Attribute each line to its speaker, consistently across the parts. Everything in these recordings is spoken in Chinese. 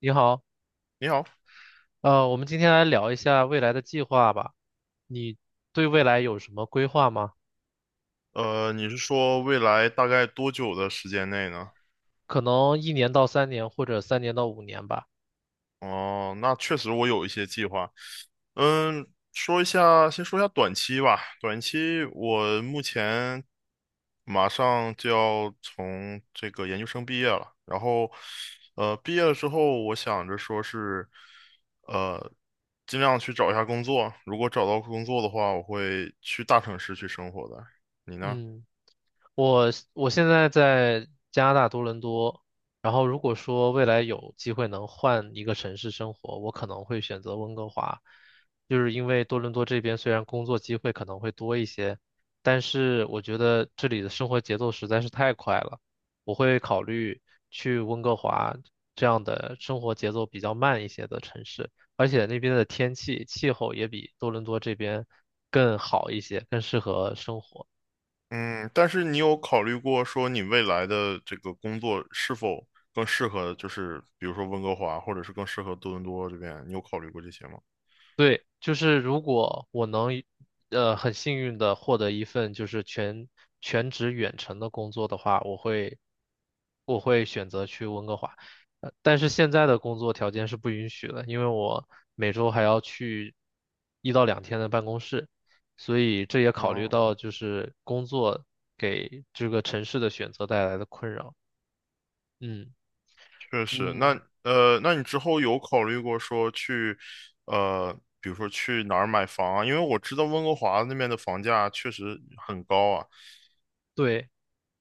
Speaker 1: 你好，
Speaker 2: 你好，
Speaker 1: 我们今天来聊一下未来的计划吧。你对未来有什么规划吗？
Speaker 2: 你是说未来大概多久的时间内呢？
Speaker 1: 可能1年到3年，或者3年到5年吧。
Speaker 2: 哦，那确实我有一些计划。嗯，说一下，先说一下短期吧。短期我目前马上就要从这个研究生毕业了，然后，毕业了之后，我想着说是，呃，尽量去找一下工作。如果找到工作的话，我会去大城市去生活的。你呢？
Speaker 1: 嗯。我现在在加拿大多伦多，然后如果说未来有机会能换一个城市生活，我可能会选择温哥华，就是因为多伦多这边虽然工作机会可能会多一些，但是我觉得这里的生活节奏实在是太快了，我会考虑去温哥华这样的生活节奏比较慢一些的城市，而且那边的天气气候也比多伦多这边更好一些，更适合生活。
Speaker 2: 嗯，但是你有考虑过说你未来的这个工作是否更适合，就是比如说温哥华，或者是更适合多伦多这边，你有考虑过这些吗？
Speaker 1: 对，就是如果我能，很幸运的获得一份就是全职远程的工作的话，我会选择去温哥华，但是现在的工作条件是不允许的，因为我每周还要去1到2天的办公室，所以这也考虑
Speaker 2: 哦，
Speaker 1: 到就是工作给这个城市的选择带来的困扰。嗯
Speaker 2: 确实。那
Speaker 1: 嗯，
Speaker 2: 那你之后有考虑过说去，呃，比如说去哪儿买房啊？因为我知道温哥华那边的房价确实很高啊。
Speaker 1: 对，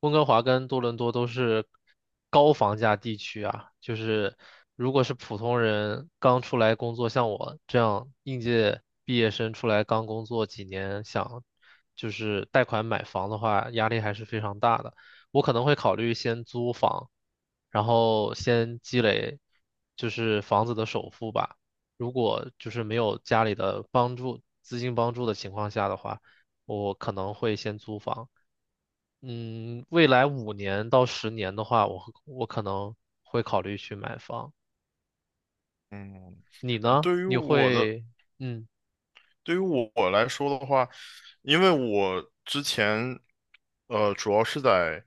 Speaker 1: 温哥华跟多伦多都是高房价地区啊，就是如果是普通人刚出来工作，像我这样应届毕业生出来刚工作几年，想就是贷款买房的话，压力还是非常大的。我可能会考虑先租房，然后先积累就是房子的首付吧。如果就是没有家里的帮助，资金帮助的情况下的话，我可能会先租房。嗯，未来五年到十年的话，我可能会考虑去买房。
Speaker 2: 嗯，
Speaker 1: 你呢？
Speaker 2: 对于
Speaker 1: 你
Speaker 2: 我的，
Speaker 1: 会，嗯
Speaker 2: 对于我来说的话，因为我之前，主要是在，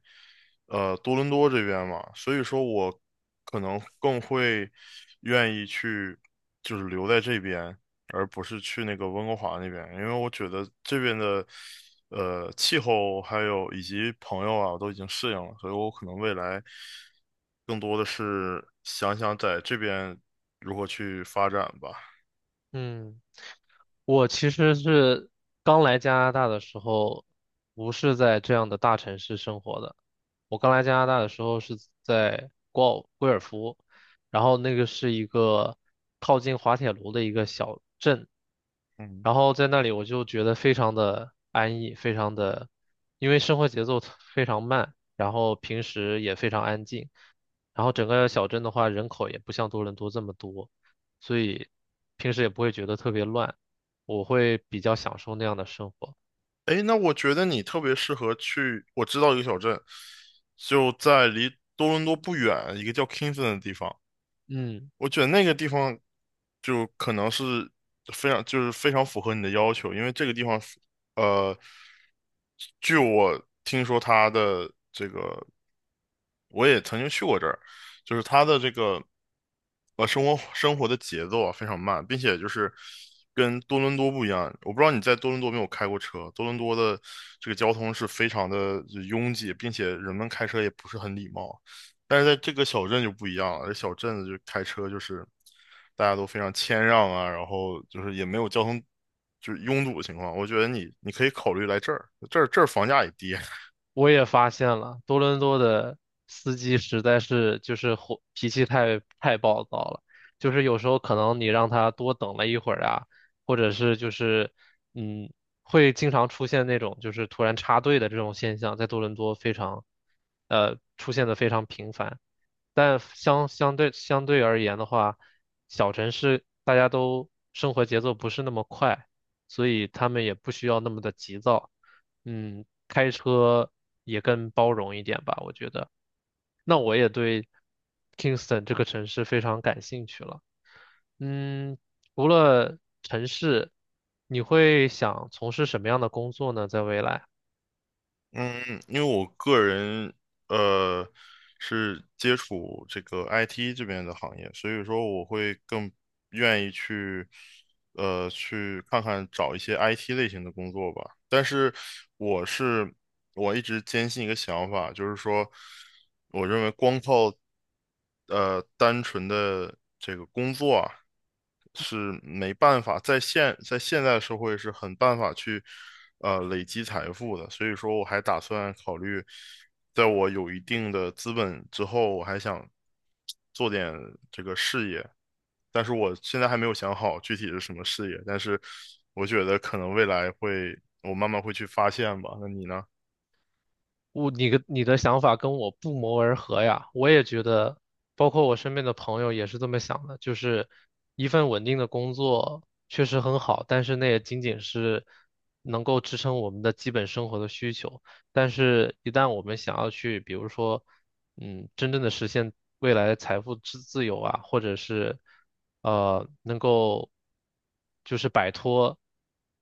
Speaker 2: 多伦多这边嘛，所以说我可能更会愿意去，就是留在这边，而不是去那个温哥华那边，因为我觉得这边的，气候还有以及朋友啊，我都已经适应了，所以我可能未来更多的是想在这边如何去发展吧。
Speaker 1: 嗯，我其实是刚来加拿大的时候，不是在这样的大城市生活的。我刚来加拿大的时候是在贵尔夫，然后那个是一个靠近滑铁卢的一个小镇，
Speaker 2: 嗯，
Speaker 1: 然后在那里我就觉得非常的安逸，非常的，因为生活节奏非常慢，然后平时也非常安静，然后整个小镇的话人口也不像多伦多这么多，所以平时也不会觉得特别乱，我会比较享受那样的生活。
Speaker 2: 哎，那我觉得你特别适合去，我知道一个小镇，就在离多伦多不远，一个叫 Kingston 的地方。
Speaker 1: 嗯。
Speaker 2: 我觉得那个地方就可能是非常符合你的要求，因为这个地方是呃，据我听说它的这个，我也曾经去过这儿，就是它的这个生活的节奏啊非常慢，并且就是跟多伦多不一样。我不知道你在多伦多没有开过车，多伦多的这个交通是非常的拥挤，并且人们开车也不是很礼貌。但是在这个小镇就不一样了，这小镇就开车就是大家都非常谦让啊，然后就是也没有交通就是拥堵的情况。我觉得你可以考虑来这儿，这儿房价也低。
Speaker 1: 我也发现了，多伦多的司机实在是就是火，脾气太暴躁了，就是有时候可能你让他多等了一会儿啊，或者是就是嗯，会经常出现那种就是突然插队的这种现象，在多伦多非常出现的非常频繁。但相对而言的话，小城市大家都生活节奏不是那么快，所以他们也不需要那么的急躁。嗯，开车也更包容一点吧，我觉得。那我也对 Kingston 这个城市非常感兴趣了。嗯，除了城市，你会想从事什么样的工作呢？在未来？
Speaker 2: 嗯，因为我个人呃是接触这个 IT 这边的行业，所以说我会更愿意去去看看找一些 IT 类型的工作吧。但是我是我一直坚信一个想法，就是说，我认为光靠单纯的这个工作啊，是没办法在现在社会是很办法去累积财富的，所以说我还打算考虑，在我有一定的资本之后，我还想做点这个事业，但是我现在还没有想好具体是什么事业，但是我觉得可能未来会，我慢慢会去发现吧。那你呢？
Speaker 1: 我你的想法跟我不谋而合呀，我也觉得，包括我身边的朋友也是这么想的，就是一份稳定的工作确实很好，但是那也仅仅是能够支撑我们的基本生活的需求。但是，一旦我们想要去，比如说，嗯，真正的实现未来的财富自由啊，或者是能够就是摆脱，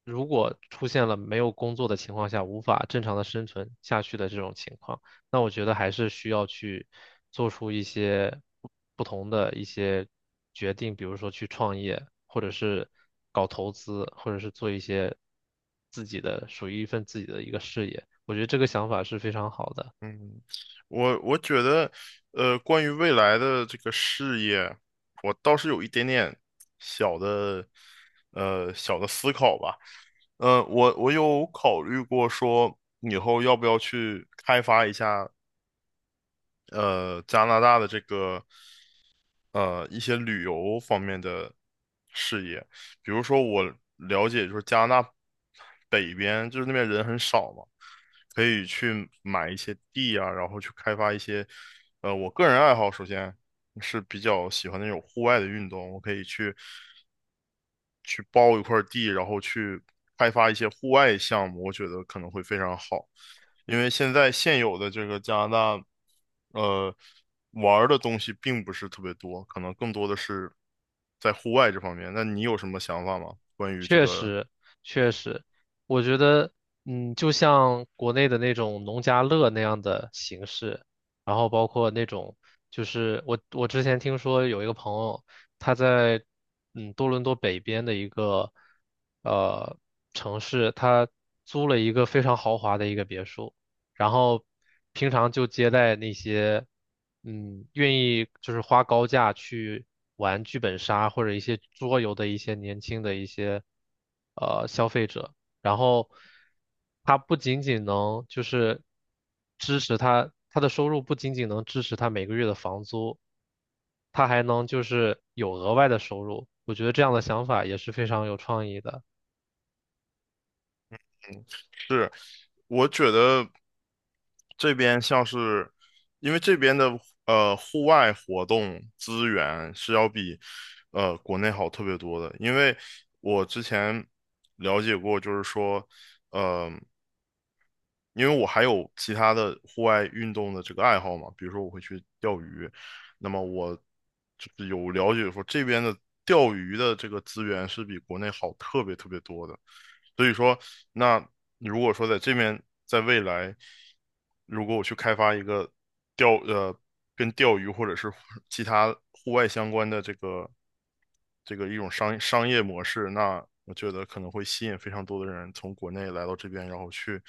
Speaker 1: 如果出现了没有工作的情况下无法正常的生存下去的这种情况。那我觉得还是需要去做出一些不同的一些决定，比如说去创业，或者是搞投资，或者是做一些自己的属于一份自己的一个事业。我觉得这个想法是非常好的。
Speaker 2: 我觉得，关于未来的这个事业，我倒是有一点点小的，小的思考吧。我有考虑过说，以后要不要去开发一下，加拿大的这个。一些旅游方面的事业，比如说我了解就是加拿大北边就是那边人很少嘛，可以去买一些地啊，然后去开发一些，我个人爱好首先是比较喜欢那种户外的运动，我可以去包一块地，然后去开发一些户外项目，我觉得可能会非常好。因为现有的这个加拿大，呃，玩儿的东西并不是特别多，可能更多的是在户外这方面。那你有什么想法吗？关于这
Speaker 1: 确
Speaker 2: 个？
Speaker 1: 实，确实，我觉得，嗯，就像国内的那种农家乐那样的形式，然后包括那种，就是我之前听说有一个朋友，他在嗯多伦多北边的一个呃城市，他租了一个非常豪华的一个别墅，然后平常就接待那些嗯愿意就是花高价去玩剧本杀或者一些桌游的一些年轻的一些消费者，然后他不仅仅能就是支持他的收入不仅仅能支持他每个月的房租，他还能就是有额外的收入，我觉得这样的想法也是非常有创意的。
Speaker 2: 是，我觉得这边像是，因为这边的户外活动资源是要比国内好特别多的，因为我之前了解过，就是说，呃，因为我还有其他的户外运动的这个爱好嘛，比如说我会去钓鱼，那么我就是有了解说这边的钓鱼的这个资源是比国内好特别特别多的。所以说，那如果说在这边，在未来，如果我去开发一个钓呃跟钓鱼或者是 其他户外相关的这个这个一种商业模式，那我觉得可能会吸引非常多的人从国内来到这边，然后去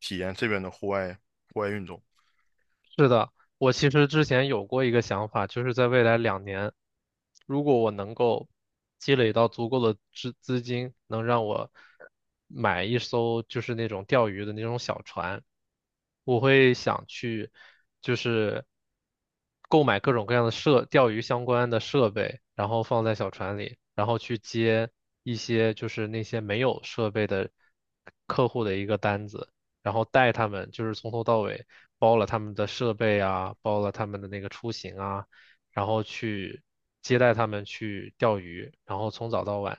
Speaker 2: 体验这边的户外运动。
Speaker 1: 是的，我其实之前有过一个想法，就是在未来2年，如果我能够积累到足够的资金，能让我买一艘就是那种钓鱼的那种小船，我会想去就是购买各种各样的设钓鱼相关的设备，然后放在小船里，然后去接一些就是那些没有设备的客户的一个单子。然后带他们，就是从头到尾包了他们的设备啊，包了他们的那个出行啊，然后去接待他们去钓鱼，然后从早到晚，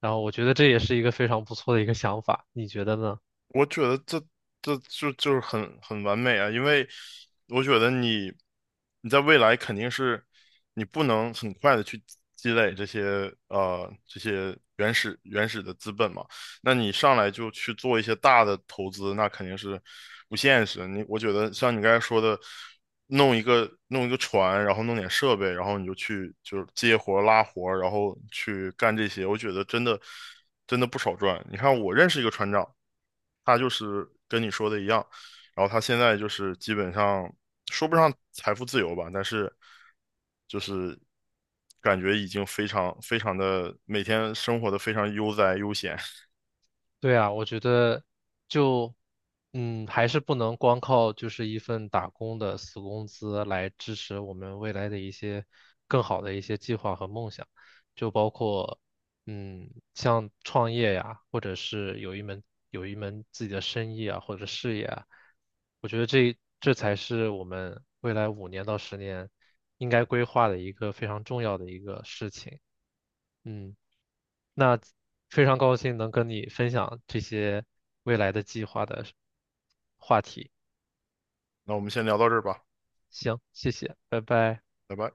Speaker 1: 然后我觉得这也是一个非常不错的一个想法，你觉得呢？
Speaker 2: 我觉得这就是很完美啊，因为我觉得你在未来肯定是你不能很快的去积累这些这些原始的资本嘛，那你上来就去做一些大的投资，那肯定是不现实。你我觉得像你刚才说的，弄一个船，然后弄点设备，然后你就去就是接活拉活然后去干这些，我觉得真的不少赚。你看我认识一个船长，他就是跟你说的一样，然后他现在就是基本上说不上财富自由吧，但是就是感觉已经非常非常的每天生活的非常悠哉悠闲。
Speaker 1: 对啊，我觉得就，嗯，还是不能光靠就是一份打工的死工资来支持我们未来的一些更好的一些计划和梦想，就包括，嗯，像创业呀，或者是有一门有一门自己的生意啊，或者事业啊，我觉得这才是我们未来五年到十年应该规划的一个非常重要的一个事情。嗯。那非常高兴能跟你分享这些未来的计划的话题。
Speaker 2: 那我们先聊到这儿吧，
Speaker 1: 行，谢谢，拜拜。
Speaker 2: 拜拜。